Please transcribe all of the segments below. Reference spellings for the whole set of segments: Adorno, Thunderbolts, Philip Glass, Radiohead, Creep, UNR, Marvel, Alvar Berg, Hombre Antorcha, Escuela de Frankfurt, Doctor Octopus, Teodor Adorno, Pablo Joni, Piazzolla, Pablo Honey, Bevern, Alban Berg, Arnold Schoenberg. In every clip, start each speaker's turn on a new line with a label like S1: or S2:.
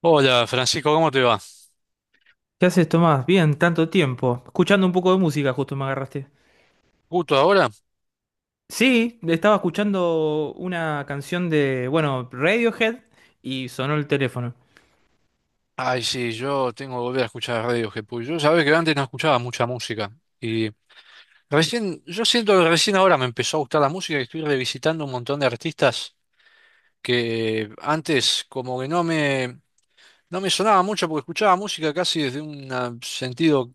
S1: Hola Francisco, ¿cómo te va?
S2: ¿Qué haces, Tomás? Bien, tanto tiempo. Escuchando un poco de música, justo me agarraste.
S1: ¿Justo ahora?
S2: Sí, estaba escuchando una canción de, bueno, Radiohead y sonó el teléfono.
S1: Ay, sí, yo tengo que volver a escuchar Radiohead, porque yo sabés que antes no escuchaba mucha música. Y recién, yo siento que recién ahora me empezó a gustar la música y estoy revisitando un montón de artistas que antes como que no me sonaba mucho porque escuchaba música casi desde un sentido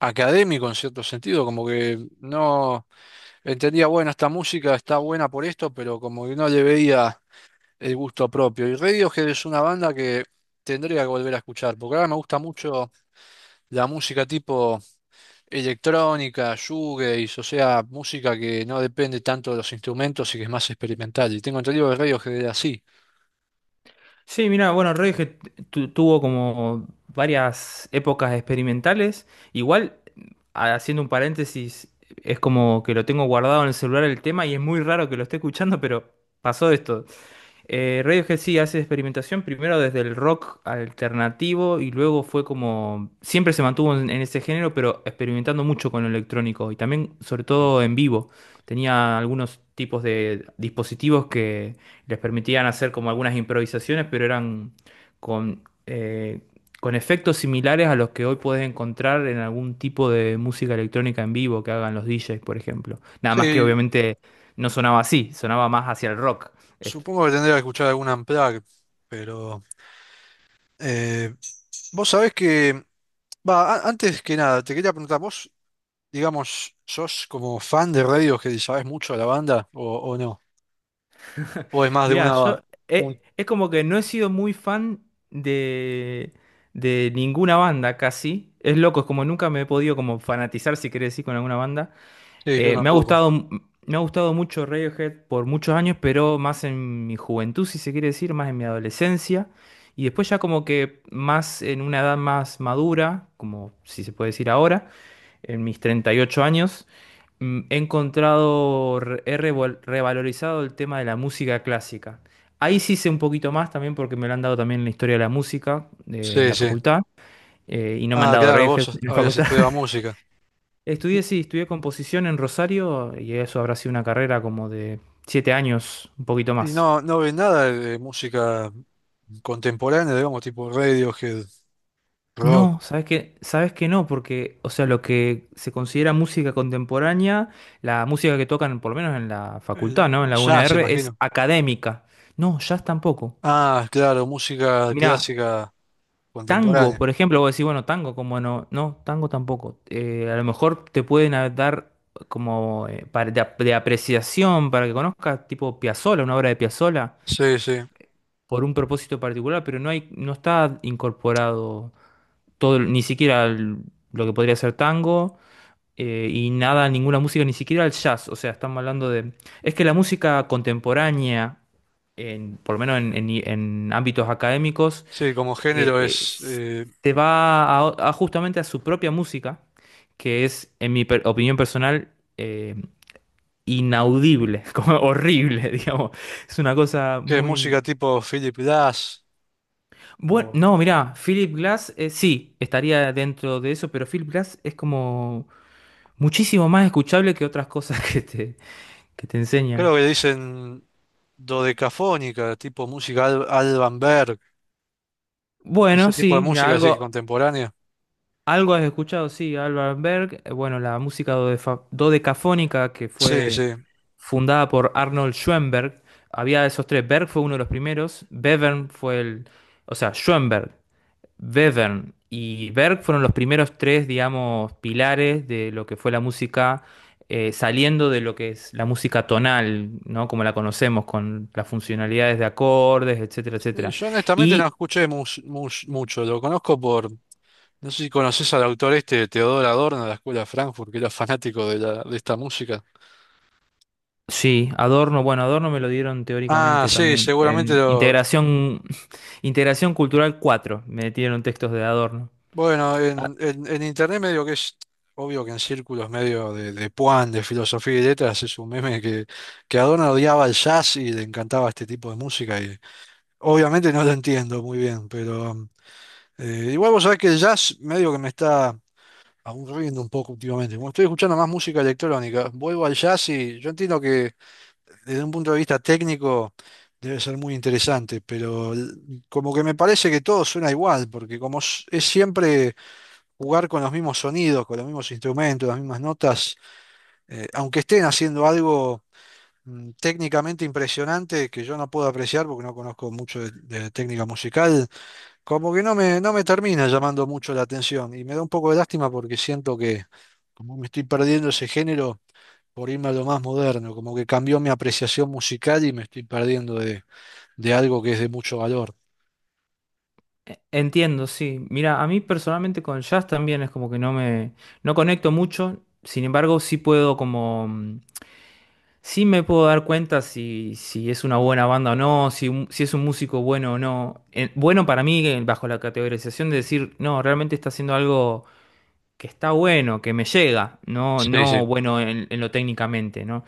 S1: académico, en cierto sentido, como que no entendía, bueno, esta música está buena por esto, pero como que no le veía el gusto propio. Y Radiohead es una banda que tendría que volver a escuchar, porque ahora me gusta mucho la música tipo electrónica, shoegaze, o sea, música que no depende tanto de los instrumentos y que es más experimental. Y tengo entendido que Radiohead era así.
S2: Sí, mira, bueno, Radiohead tuvo como varias épocas experimentales. Igual, haciendo un paréntesis, es como que lo tengo guardado en el celular el tema y es muy raro que lo esté escuchando, pero pasó esto. Radiohead sí hace experimentación primero desde el rock alternativo y luego fue como, siempre se mantuvo en ese género, pero experimentando mucho con lo electrónico y también sobre todo en vivo. Tenía algunos tipos de dispositivos que les permitían hacer como algunas improvisaciones, pero eran con, eh, con efectos similares a los que hoy puedes encontrar en algún tipo de música electrónica en vivo que hagan los DJs, por ejemplo. Nada más que
S1: Sí,
S2: obviamente no sonaba así, sonaba más hacia el rock. Esto.
S1: supongo que tendría que escuchar alguna Unplugged, pero eh, vos sabés que, va, antes que nada, te quería preguntar, vos, digamos, ¿sos como fan de Radiohead y sabés mucho de la banda o no? ¿O es más de
S2: Mirá,
S1: una...
S2: yo
S1: Un...
S2: es como que no he sido muy fan de, de ninguna banda casi. Es loco, es como nunca me he podido como fanatizar, si querés decir, con alguna banda.
S1: Sí, yo
S2: Me ha
S1: tampoco.
S2: gustado, me ha gustado mucho Radiohead por muchos años, pero más en mi juventud, si se quiere decir, más en mi adolescencia. Y después ya como que más en una edad más madura, como si se puede decir ahora en mis 38 años, he encontrado, revalorizado el tema de la música clásica. Ahí sí sé un poquito más también porque me lo han dado también en la historia de la música en
S1: Sí,
S2: la
S1: sí.
S2: facultad y no me han
S1: Ah,
S2: dado
S1: claro,
S2: redes en la
S1: habías
S2: facultad.
S1: estudiado música.
S2: Estudié, sí, estudié composición en Rosario y eso habrá sido una carrera como de 7 años, un poquito
S1: Y
S2: más.
S1: no, no ves nada de música contemporánea, digamos, tipo Radiohead, rock,
S2: No, sabes que no, porque, o sea, lo que se considera música contemporánea, la música que tocan, por lo menos en la facultad, ¿no? En la
S1: jazz,
S2: UNR, es
S1: imagino.
S2: académica. No, jazz tampoco.
S1: Ah, claro, música
S2: Mirá,
S1: clásica
S2: tango,
S1: contemporánea.
S2: por ejemplo, vos decís, bueno, tango, como no, no, tango tampoco. A lo mejor te pueden dar como para- de, ap- de apreciación para que conozcas, tipo Piazzolla, una obra de Piazzolla,
S1: Sí, sí.
S2: por un propósito particular, pero no hay, no está incorporado todo, ni siquiera lo que podría ser tango y nada, ninguna música, ni siquiera el jazz. O sea, estamos hablando de... Es que la música contemporánea, en, por lo menos en ámbitos académicos,
S1: Sí, como
S2: eh,
S1: género
S2: eh,
S1: es,
S2: s- se va a justamente a su propia música, que es, en mi opinión personal, inaudible, como horrible, digamos. Es una cosa
S1: ¿qué es
S2: muy...
S1: música tipo Philip Glass?
S2: Bueno,
S1: O
S2: no, mirá, Philip Glass, sí, estaría dentro de eso, pero Philip Glass es como muchísimo más escuchable que otras cosas que que te enseñan.
S1: creo que le dicen dodecafónica, tipo música Alban Berg,
S2: Bueno,
S1: ese tipo de
S2: sí, mira,
S1: música así que contemporánea.
S2: algo has escuchado, sí, Alvar Berg, bueno, la música dodecafónica que
S1: Sí,
S2: fue
S1: sí.
S2: fundada por Arnold Schoenberg, había esos tres, Berg fue uno de los primeros, Bevern fue el, o sea, Schoenberg, Bevern y Berg fueron los primeros tres, digamos, pilares de lo que fue la música, saliendo de lo que es la música tonal, ¿no? Como la conocemos, con las funcionalidades de acordes, etcétera,
S1: Y
S2: etcétera.
S1: yo honestamente no
S2: Y
S1: escuché mucho, lo conozco por, no sé si conoces al autor este, Teodor Adorno de la Escuela de Frankfurt, que era fanático de esta música.
S2: sí, Adorno, bueno, Adorno me lo dieron
S1: Ah,
S2: teóricamente
S1: sí,
S2: también
S1: seguramente
S2: en
S1: lo...
S2: Integración, Integración Cultural 4. Me dieron textos de Adorno.
S1: Bueno, en internet medio que es obvio que en círculos medio de puan, de filosofía y letras, es un meme que Adorno odiaba el jazz y le encantaba este tipo de música y obviamente no lo entiendo muy bien, pero igual vos sabés que el jazz medio que me está... aburriendo un poco últimamente. Como estoy escuchando más música electrónica, vuelvo al jazz y yo entiendo que desde un punto de vista técnico debe ser muy interesante, pero como que me parece que todo suena igual, porque como es siempre jugar con los mismos sonidos, con los mismos instrumentos, las mismas notas, aunque estén haciendo algo técnicamente impresionante que yo no puedo apreciar porque no conozco mucho de técnica musical. Como que no me termina llamando mucho la atención y me da un poco de lástima porque siento que como me estoy perdiendo ese género por irme a lo más moderno, como que cambió mi apreciación musical y me estoy perdiendo de algo que es de mucho valor.
S2: Entiendo, sí. Mira, a mí personalmente con jazz también es como que no me, no conecto mucho, sin embargo sí puedo como, sí me puedo dar cuenta si es una buena banda o no, si, si es un músico bueno o no. Bueno para mí, bajo la categorización de decir, no, realmente está haciendo algo que está bueno, que me llega, no,
S1: Sí,
S2: no
S1: sí.
S2: bueno en lo técnicamente, ¿no?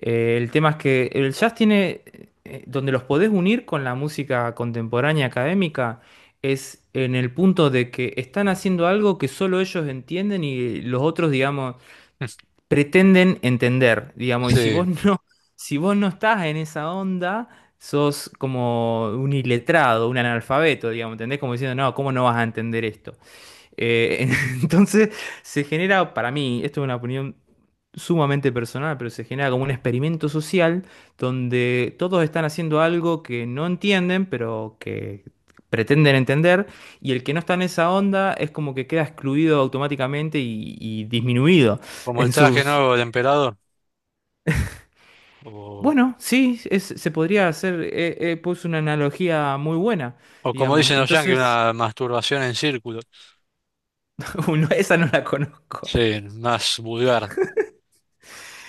S2: El tema es que el jazz tiene, donde los podés unir con la música contemporánea académica, es en el punto de que están haciendo algo que solo ellos entienden y los otros, digamos, pretenden entender, digamos, y si vos
S1: Sí,
S2: no, si vos no estás en esa onda, sos como un iletrado, un analfabeto, digamos, ¿entendés? Como diciendo, no, ¿cómo no vas a entender esto? Eh, entonces se genera, para mí, esto es una opinión sumamente personal, pero se genera como un experimento social donde todos están haciendo algo que no entienden, pero que pretenden entender, y el que no está en esa onda es como que queda excluido automáticamente y disminuido
S1: como el
S2: en
S1: traje
S2: sus...
S1: nuevo del emperador, o,
S2: Bueno, sí, se podría hacer, puse una analogía muy buena,
S1: o como
S2: digamos.
S1: dicen los yankees,
S2: Entonces,
S1: una masturbación en círculo.
S2: esa no la conozco,
S1: Sí, más vulgar.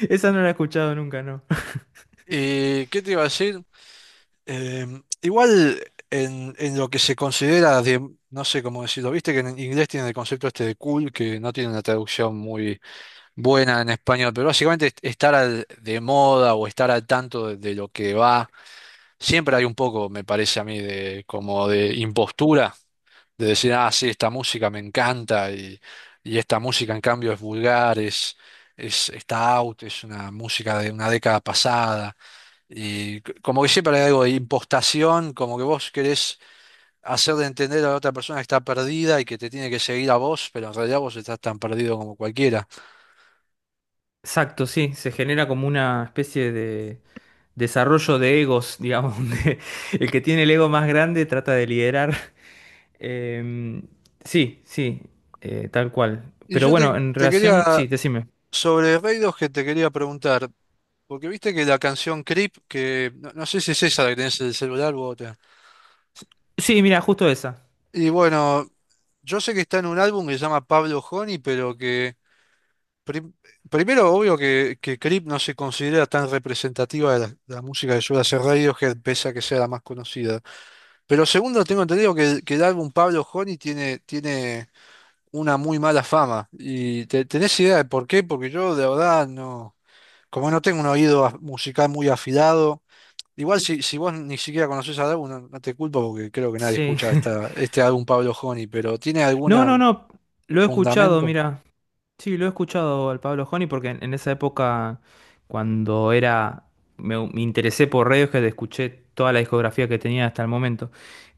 S2: esa no la he escuchado nunca, no.
S1: ¿Y qué te iba a decir? Em, igual en lo que se considera de, no sé cómo decirlo, viste que en inglés tienen el concepto este de cool, que no tiene una traducción muy buena en español, pero básicamente estar de moda o estar al tanto de lo que va, siempre hay un poco, me parece a mí, de impostura, de decir, ah, sí, esta música me encanta y esta música en cambio es vulgar, es, está out, es una música de una década pasada. Y como que siempre hay algo de impostación, como que vos querés hacer de entender a la otra persona que está perdida y que te tiene que seguir a vos, pero en realidad vos estás tan perdido como cualquiera.
S2: Exacto, sí, se genera como una especie de desarrollo de egos, digamos, donde el que tiene el ego más grande trata de liderar. Em, sí, sí, tal cual.
S1: Y
S2: Pero
S1: yo
S2: bueno, en
S1: te quería,
S2: relación, sí, decime.
S1: sobre Raidos que te quería preguntar, porque viste que la canción Creep, que no sé si es esa la que tenés en el celular u otra.
S2: Sí, mira, justo esa.
S1: Y bueno, yo sé que está en un álbum que se llama Pablo Honey, pero que... Prim- primero, obvio que Creep no se considera tan representativa de la música que suele hacer Radiohead, pese a que sea la más conocida. Pero segundo, tengo entendido que el álbum Pablo Honey tiene una muy mala fama. ¿Y tenés idea de por qué? Porque yo, de verdad, no. Como no tengo un oído musical muy afilado, igual si vos ni siquiera conocés al álbum, no, no te culpo porque creo que nadie
S2: Sí.
S1: escucha este álbum Pablo Honey, pero ¿tiene algún
S2: No, no, no, lo he escuchado,
S1: fundamento?
S2: mira. Sí, lo he escuchado al Pablo Joni porque en esa época, cuando era, me interesé por Radiohead, escuché toda la discografía que tenía hasta el momento.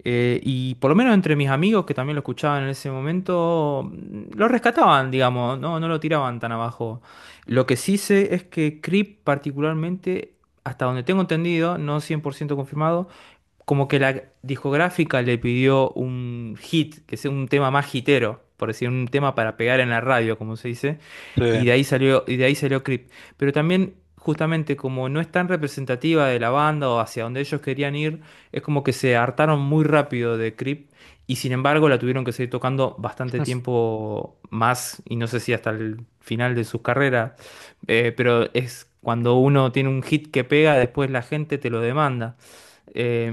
S2: Y por lo menos entre mis amigos que también lo escuchaban en ese momento, lo rescataban, digamos, no, no lo tiraban tan abajo. Lo que sí sé es que Creep particularmente, hasta donde tengo entendido, no 100% confirmado, como que la discográfica le pidió un hit, que sea un tema más hitero, por decir, un tema para pegar en la radio, como se dice, y de
S1: Sí.
S2: ahí salió, y de ahí salió Creep. Pero también, justamente, como no es tan representativa de la banda o hacia donde ellos querían ir, es como que se hartaron muy rápido de Creep. Y sin embargo la tuvieron que seguir tocando bastante tiempo más, y no sé si hasta el final de sus carreras, pero es cuando uno tiene un hit que pega, después la gente te lo demanda. Eh,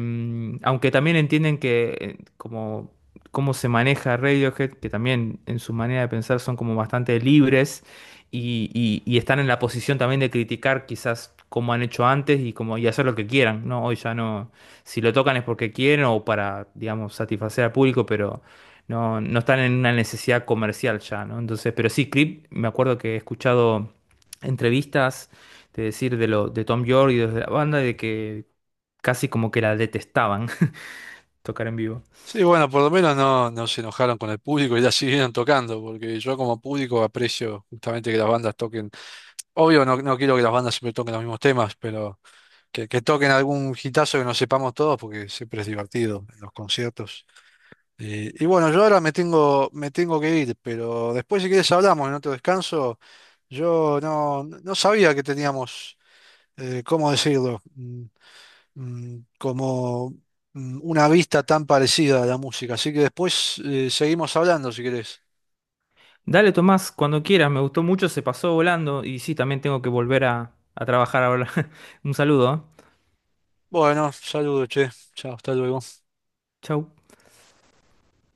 S2: aunque también entienden que como cómo se maneja Radiohead, que también en su manera de pensar son como bastante libres y y están en la posición también de criticar quizás como han hecho antes y como y hacer lo que quieran, ¿no? Hoy ya no, si lo tocan es porque quieren o para, digamos, satisfacer al público, pero no, no están en una necesidad comercial ya, ¿no? Entonces, pero sí, Creep, me acuerdo que he escuchado entrevistas de decir de lo de Tom York y de la banda de que casi como que la detestaban tocar en vivo.
S1: Sí, bueno, por lo menos no, no se enojaron con el público y la siguieron tocando, porque yo como público aprecio justamente que las bandas toquen. Obvio, no, no quiero que las bandas siempre toquen los mismos temas, pero que toquen algún hitazo que nos sepamos todos, porque siempre es divertido en los conciertos. Y bueno, yo ahora me tengo que ir, pero después si quieres hablamos en otro descanso. Yo no, no sabía que teníamos, ¿cómo decirlo? Mm, como una vista tan parecida a la música. Así que después seguimos hablando si querés.
S2: Dale, Tomás, cuando quieras, me gustó mucho, se pasó volando y sí, también tengo que volver a trabajar ahora. Un saludo, ¿eh?
S1: Bueno, saludos, che. Chao, hasta luego.
S2: Chau.